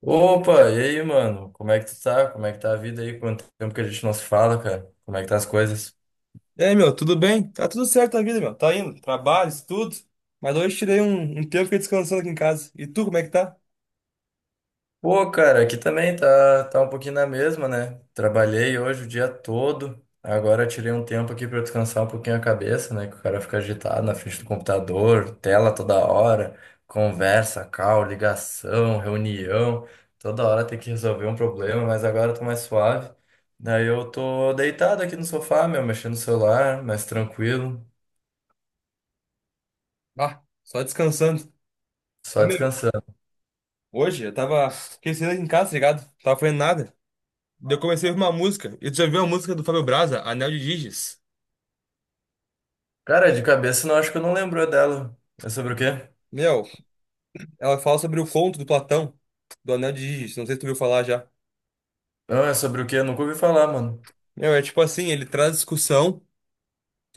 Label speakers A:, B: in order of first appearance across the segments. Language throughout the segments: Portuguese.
A: Opa, e aí, mano? Como é que tu tá? Como é que tá a vida aí? Quanto tempo que a gente não se fala, cara? Como é que tá as coisas?
B: E aí, meu, tudo bem? Tá tudo certo a vida, meu. Tá indo, trabalho, estudo. Mas hoje tirei um tempo e fiquei descansando aqui em casa. E tu, como é que tá?
A: Pô, cara, aqui também tá um pouquinho na mesma, né? Trabalhei hoje o dia todo. Agora tirei um tempo aqui pra descansar um pouquinho a cabeça, né? Que o cara fica agitado na frente do computador, tela toda hora, conversa, call, ligação, reunião. Toda hora tem que resolver um problema, mas agora eu tô mais suave. Daí eu tô deitado aqui no sofá, meu, mexendo no celular, mais tranquilo,
B: Ah, só descansando. Ô,
A: só
B: meu,
A: descansando.
B: hoje eu tava esquecendo aqui em casa, tá ligado? Não tava fazendo nada. Daí eu comecei a ouvir uma música. E tu já viu a música do Fábio Braza, Anel de Giges?
A: Cara, de cabeça não acho que eu não lembro dela. É sobre o quê?
B: Meu, ela fala sobre o conto do Platão, do Anel de Giges. Não sei se tu viu falar já.
A: Não, é sobre o quê? Eu nunca ouvi falar, mano.
B: Meu, é tipo assim, ele traz discussão,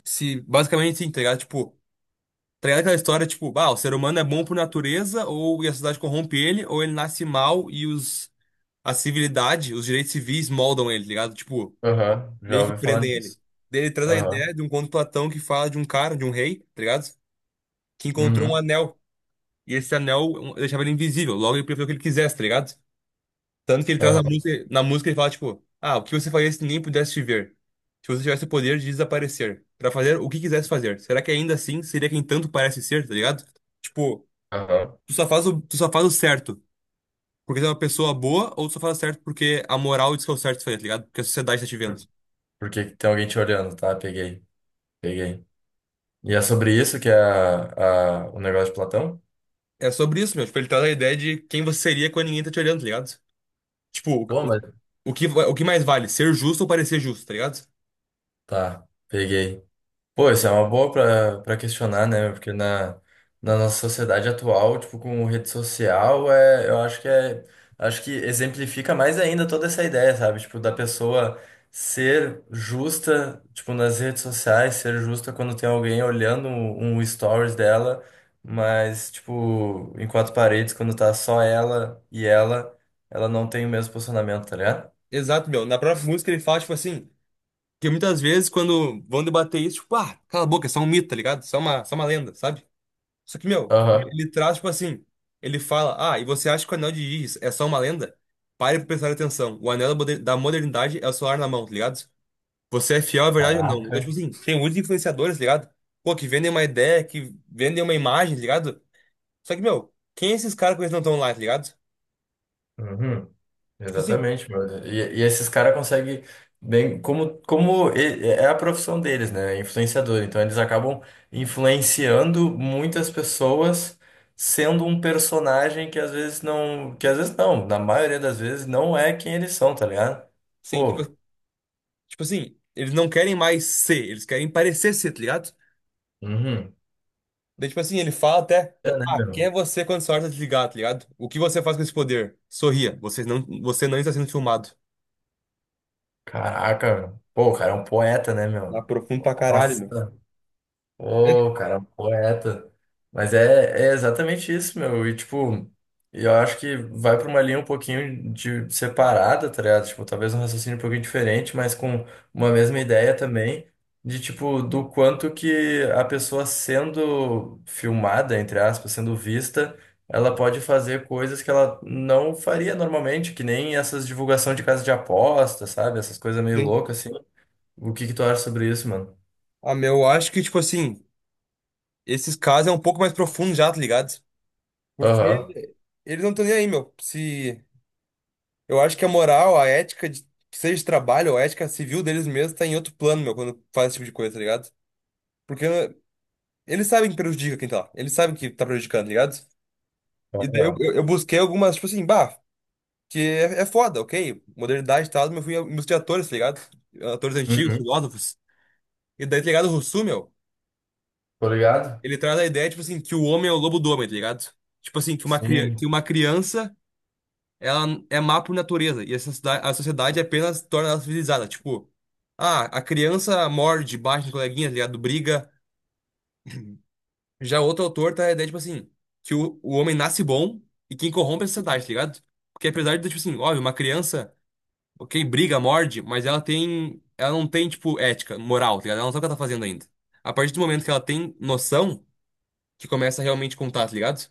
B: se basicamente sim, tá ligado? Tipo, tá ligado aquela história, tipo, ah, o ser humano é bom por natureza, ou e a sociedade corrompe ele, ou ele nasce mal e os, a civilidade, os direitos civis moldam ele, tá ligado? Tipo,
A: Aham, já
B: meio que
A: ouvi falar
B: prendem ele.
A: nisso.
B: Daí ele traz a
A: Aham.
B: ideia de um conto de Platão que fala de um cara, de um rei, tá ligado? Que encontrou um
A: Uhum.
B: anel. E esse anel um, deixava ele invisível, logo ele preferiu o que ele quisesse, tá ligado? Tanto que ele traz a
A: Aham.
B: música, na música ele fala, tipo, ah, o que você faria se ninguém pudesse te ver? Se você tivesse o poder de desaparecer, pra fazer o que quisesse fazer, será que ainda assim seria quem tanto parece ser, tá ligado? Tipo.
A: Aham.
B: Tu só faz o certo porque tu é uma pessoa boa ou tu só faz o certo porque a moral diz que é o certo fazer, tá ligado? Porque a sociedade tá te vendo.
A: Por, por que que tem alguém te olhando? Tá, peguei. Peguei. E é sobre isso que é o negócio de Platão?
B: É sobre isso, meu. Tipo, ele traz a ideia de quem você seria quando ninguém tá te olhando, tá ligado? Tipo,
A: Pô,
B: o, o
A: mas.
B: o que mais vale? Ser justo ou parecer justo, tá ligado?
A: Tá, peguei. Pô, isso é uma boa pra questionar, né? Na nossa sociedade atual, tipo, com rede social, é, eu acho que é, acho que exemplifica mais ainda toda essa ideia, sabe? Tipo, da pessoa ser justa, tipo, nas redes sociais, ser justa quando tem alguém olhando um stories dela, mas, tipo, em quatro paredes, quando tá só ela e ela, ela não tem o mesmo posicionamento, tá ligado?
B: Exato, meu. Na própria música ele fala, tipo assim, que muitas vezes quando vão debater isso, tipo, ah, cala a boca, é só um mito, tá ligado? Só uma lenda, sabe? Só que, meu,
A: Aham.
B: ele traz, tipo assim, ele fala, ah, e você acha que o anel de Íris é só uma lenda? Pare pra prestar atenção. O anel da da modernidade é o celular na mão, tá ligado? Você é fiel à verdade ou não?
A: Caraca.
B: Então, tipo assim, tem muitos influenciadores, tá ligado? Pô, que vendem uma ideia, que vendem uma imagem, tá ligado? Só que, meu, quem é esses caras que eles não estão lá, tá ligado?
A: Uhum.
B: Tipo assim,
A: Exatamente, mano. E esses caras conseguem bem, é a profissão deles, né? É influenciador. Então eles acabam influenciando muitas pessoas sendo um personagem que às vezes não, na maioria das vezes não é quem eles são, tá ligado?
B: sim, tipo,
A: Pô,
B: tipo assim, eles não querem mais ser, eles querem parecer ser, tá ligado?
A: uhum.
B: Daí, tipo assim, ele fala até,
A: É, né,
B: ah, quem
A: meu?
B: é você quando sua hora tá de ligar, tá ligado? O que você faz com esse poder? Sorria, você não está sendo filmado.
A: Caraca, meu. Pô, o cara é um poeta, né,
B: Na
A: meu?
B: profundo pra caralho,
A: Nossa.
B: meu. É,
A: Ô, cara, um poeta. Mas é, é exatamente isso, meu. E, tipo, eu acho que vai pra uma linha um pouquinho de separada, tá ligado? Tipo, talvez um raciocínio um pouquinho diferente, mas com uma mesma ideia também, de, tipo, do quanto que a pessoa sendo filmada, entre aspas, sendo vista, ela pode fazer coisas que ela não faria normalmente, que nem essas divulgação de casa de aposta, sabe? Essas coisas meio
B: sim.
A: loucas, assim. O que que tu acha sobre isso, mano?
B: Ah, meu, eu acho que, tipo assim, esses casos é um pouco mais profundo já, tá ligado?
A: Aham.
B: Porque eles não estão nem aí, meu. Se, eu acho que a moral, a ética, de, que seja de trabalho, ou a ética civil deles mesmos, tá em outro plano, meu, quando faz esse tipo de coisa, tá ligado? Porque eles sabem que prejudica quem tá lá. Eles sabem que tá prejudicando, tá ligado? E daí eu,
A: Aham.
B: eu eu busquei algumas, tipo assim, bah, que é foda, ok? Modernidade e tal, mas eu fui música de atores, tá ligado? Atores antigos,
A: Uhum.
B: filósofos. E daí, tá ligado? O Rousseau, meu,
A: Tô ligado?
B: ele traz a ideia, tipo assim, que o homem é o lobo do homem, tá ligado? Tipo assim, que uma, cria-
A: Sim.
B: que uma criança, ela é má por natureza. E a sociedade apenas torna ela civilizada. Tipo, ah, a criança morde, bate no coleguinha, tá ligado? Briga. Já outro autor traz a ideia, tipo assim, que o homem nasce bom e quem corrompe é a sociedade, tá ligado? Porque apesar de, tipo assim, óbvio, uma criança. Ok, briga, morde, mas ela tem. Ela não tem, tipo, ética, moral, tá ligado? Ela não sabe o que ela tá fazendo ainda. A partir do momento que ela tem noção, que começa a realmente contar, tá ligado?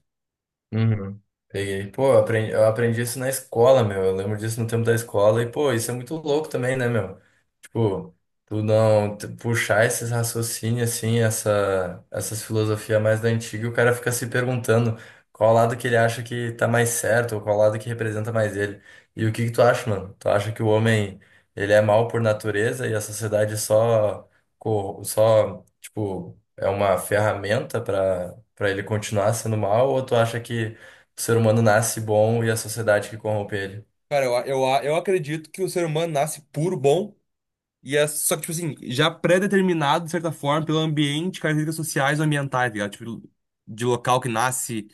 A: Uhum. Peguei. Pô, eu aprendi isso na escola, meu. Eu lembro disso no tempo da escola. E, pô, isso é muito louco também, né, meu? Tipo, tu não tu puxar esses raciocínios, assim, essas filosofias mais da antiga, e o cara fica se perguntando qual lado que ele acha que tá mais certo, ou qual lado que representa mais ele. E o que que tu acha, mano? Tu acha que o homem, ele é mau por natureza e a sociedade só, tipo, é uma ferramenta para pra ele continuar sendo mal, ou tu acha que o ser humano nasce bom e a sociedade que corrompe ele?
B: Cara, eu acredito que o ser humano nasce puro, bom, e é só que, tipo assim, já pré-determinado, de certa forma, pelo ambiente, características sociais ou ambientais, tá ligado? Tipo, de local que nasce.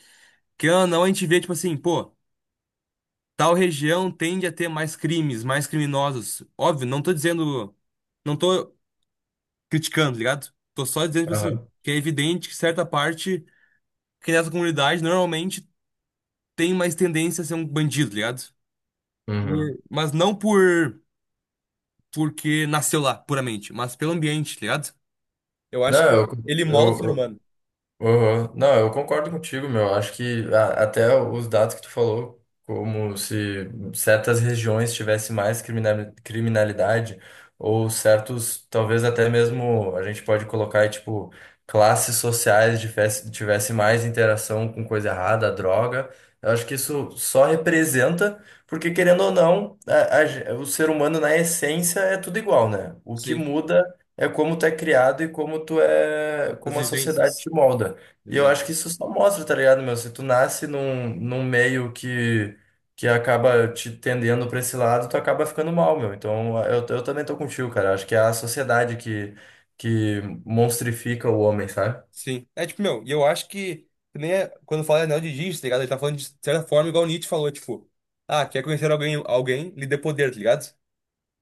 B: Que ou não, a gente vê, tipo assim, pô. Tal região tende a ter mais crimes, mais criminosos. Óbvio, não tô criticando, tá ligado? Tô só dizendo, tipo assim,
A: Aham.
B: que é evidente que certa parte, que nessa comunidade normalmente tem mais tendência a ser um bandido, tá ligado?
A: Uhum.
B: Mas não porque nasceu lá, puramente, mas pelo ambiente, tá ligado? Eu
A: Não,
B: acho que
A: eu,
B: ele molda o ser
A: eu,
B: humano.
A: uhum. Não, eu concordo contigo, meu. Acho que até os dados que tu falou, como se certas regiões tivessem mais criminalidade, ou certos, talvez até mesmo a gente pode colocar aí, tipo, classes sociais tivesse mais interação com coisa errada, droga. Eu acho que isso só representa, porque querendo ou não, o ser humano na essência é tudo igual, né? O que
B: Sim,
A: muda é como tu é criado e como tu é,
B: as
A: como a sociedade
B: vivências.
A: te molda. E eu
B: Exato.
A: acho que isso só mostra, tá ligado, meu? Se tu nasce num meio que acaba te tendendo pra esse lado, tu acaba ficando mal, meu. Então eu também tô contigo, cara. Acho que é a sociedade que monstrifica o homem, sabe?
B: Sim. É tipo, meu, e eu acho que nem é, quando fala anel de Giges, tá ligado? Ele tá falando de certa forma igual Nietzsche falou, tipo, ah, quer conhecer alguém, lhe dê poder, tá ligado?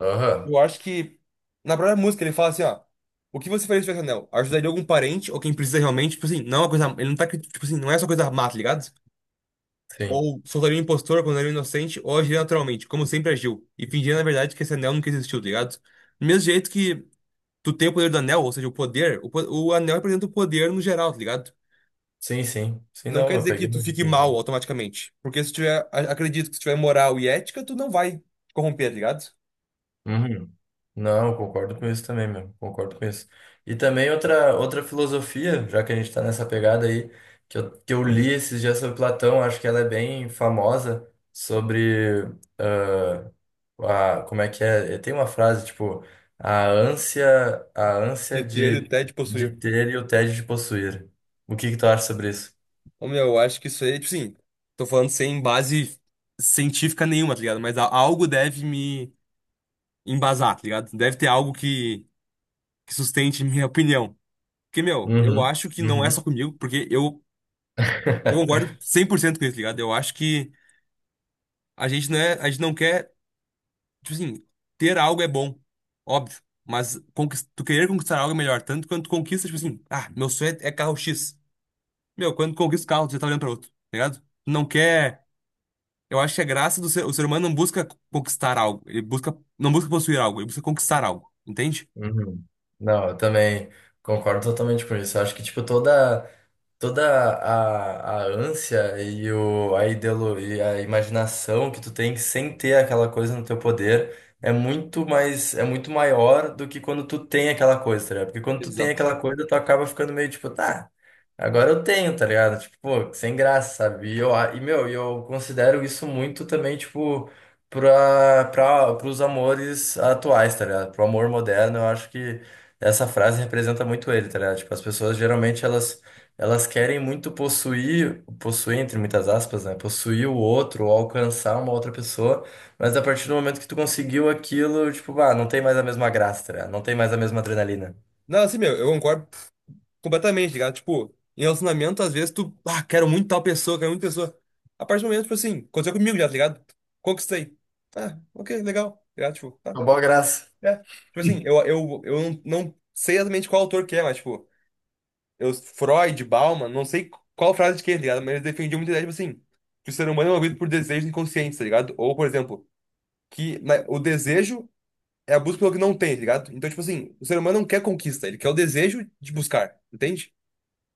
A: Aham,
B: Eu acho que na própria música ele fala assim, ó, o que você faria se tivesse anel? Ajudaria algum parente ou quem precisa realmente, tipo assim, não é uma coisa, ele não tá, tipo assim, não é só coisa má, tá ligado?
A: sim.
B: Ou soltaria um impostor quando era inocente, ou agiria naturalmente, como sempre agiu, e fingia na verdade que esse anel nunca existiu, tá ligado? Do mesmo jeito que tu tem o poder do anel, ou seja, o poder, o anel representa o poder no geral, tá ligado?
A: Sim,
B: Não
A: não,
B: quer
A: eu
B: dizer
A: peguei.
B: que tu fique mal automaticamente. Porque se tiver, acredito que se tiver moral e ética, tu não vai te corromper, tá ligado?
A: Uhum. Não, eu concordo com isso também, meu. Concordo com isso. E também outra filosofia, já que a gente está nessa pegada aí, que eu li esses dias sobre Platão, acho que ela é bem famosa, sobre ah, a, como é que é? Eh, tem uma frase, tipo, a ânsia
B: De ter e até de
A: de
B: possuir.
A: ter e o tédio de possuir. O que que tu acha sobre isso?
B: Ô, meu, eu acho que isso aí, tipo assim, tô falando sem base científica nenhuma, tá ligado? Mas algo deve me embasar, tá ligado? Deve ter algo que sustente minha opinião. Porque, meu, eu
A: Uhum,
B: acho que não é só
A: uhum,
B: comigo, porque eu concordo 100% com isso, tá ligado? Eu acho que a gente não é, a gente não quer tipo assim, ter algo é bom, óbvio. Mas tu querer conquistar algo é melhor. Tanto quando tu conquista, tipo assim, ah, meu sonho é carro X. Meu, quando tu conquista o carro, tu já tá olhando pra outro, tá ligado? Tu não quer. Eu acho que a graça do ser, o ser humano não busca conquistar algo. Ele busca, não busca possuir algo, ele busca conquistar algo. Entende?
A: uhum. Não, eu também concordo totalmente com isso. Eu acho que, tipo, toda a ânsia a ideolo, e a imaginação que tu tem sem ter aquela coisa no teu poder é muito mais, é muito maior do que quando tu tem aquela coisa, tá ligado? Porque quando tu tem
B: Exato.
A: aquela coisa, tu acaba ficando meio tipo, tá. Agora eu tenho, tá ligado? Tipo, pô, sem graça, sabe? E, eu, a- e meu, e eu considero isso muito também, tipo, pros amores atuais, tá ligado? Pro amor moderno, eu acho que essa frase representa muito ele, tá ligado? Tipo, as pessoas geralmente elas querem muito possuir, entre muitas aspas, né? Possuir o outro, ou alcançar uma outra pessoa, mas a partir do momento que tu conseguiu aquilo, tipo, ah, não tem mais a mesma graça, tá ligado? Não tem mais a mesma adrenalina.
B: Não, assim, meu, eu concordo completamente, tá ligado? Tipo, em relacionamento, às vezes tu, ah, quero muito tal pessoa, quero muito pessoa. A partir do momento, tipo assim, aconteceu comigo já, tá ligado? Conquistei. Ah, ok, legal. Tá ligado? Tipo, tá.
A: Uma boa graça.
B: É. Tipo assim, eu não sei exatamente qual autor que é, mas, tipo, eu, Freud, Bauman, não sei qual frase de quem, tá ligado? Mas eles defendiam muito a ideia, tipo assim, que o ser humano é movido por desejos inconscientes, tá ligado? Ou, por exemplo, que na- o desejo é a busca pelo que não tem, tá ligado? Então, tipo assim, o ser humano não quer conquista, ele quer o desejo de buscar, entende?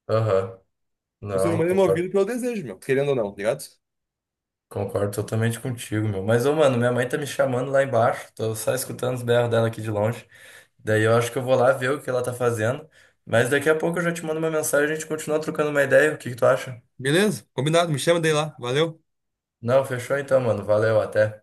A: Aham,
B: O ser
A: não,
B: humano é
A: concordo.
B: movido pelo desejo, meu, querendo ou não, tá ligado?
A: Concordo totalmente contigo, meu. Mas, ô, mano, minha mãe tá me chamando lá embaixo. Tô só escutando os berros dela aqui de longe. Daí eu acho que eu vou lá ver o que ela tá fazendo. Mas daqui a pouco eu já te mando uma mensagem, e a gente continua trocando uma ideia. O que que tu acha?
B: Beleza? Combinado, me chama daí lá. Valeu.
A: Não, fechou então, mano. Valeu, até.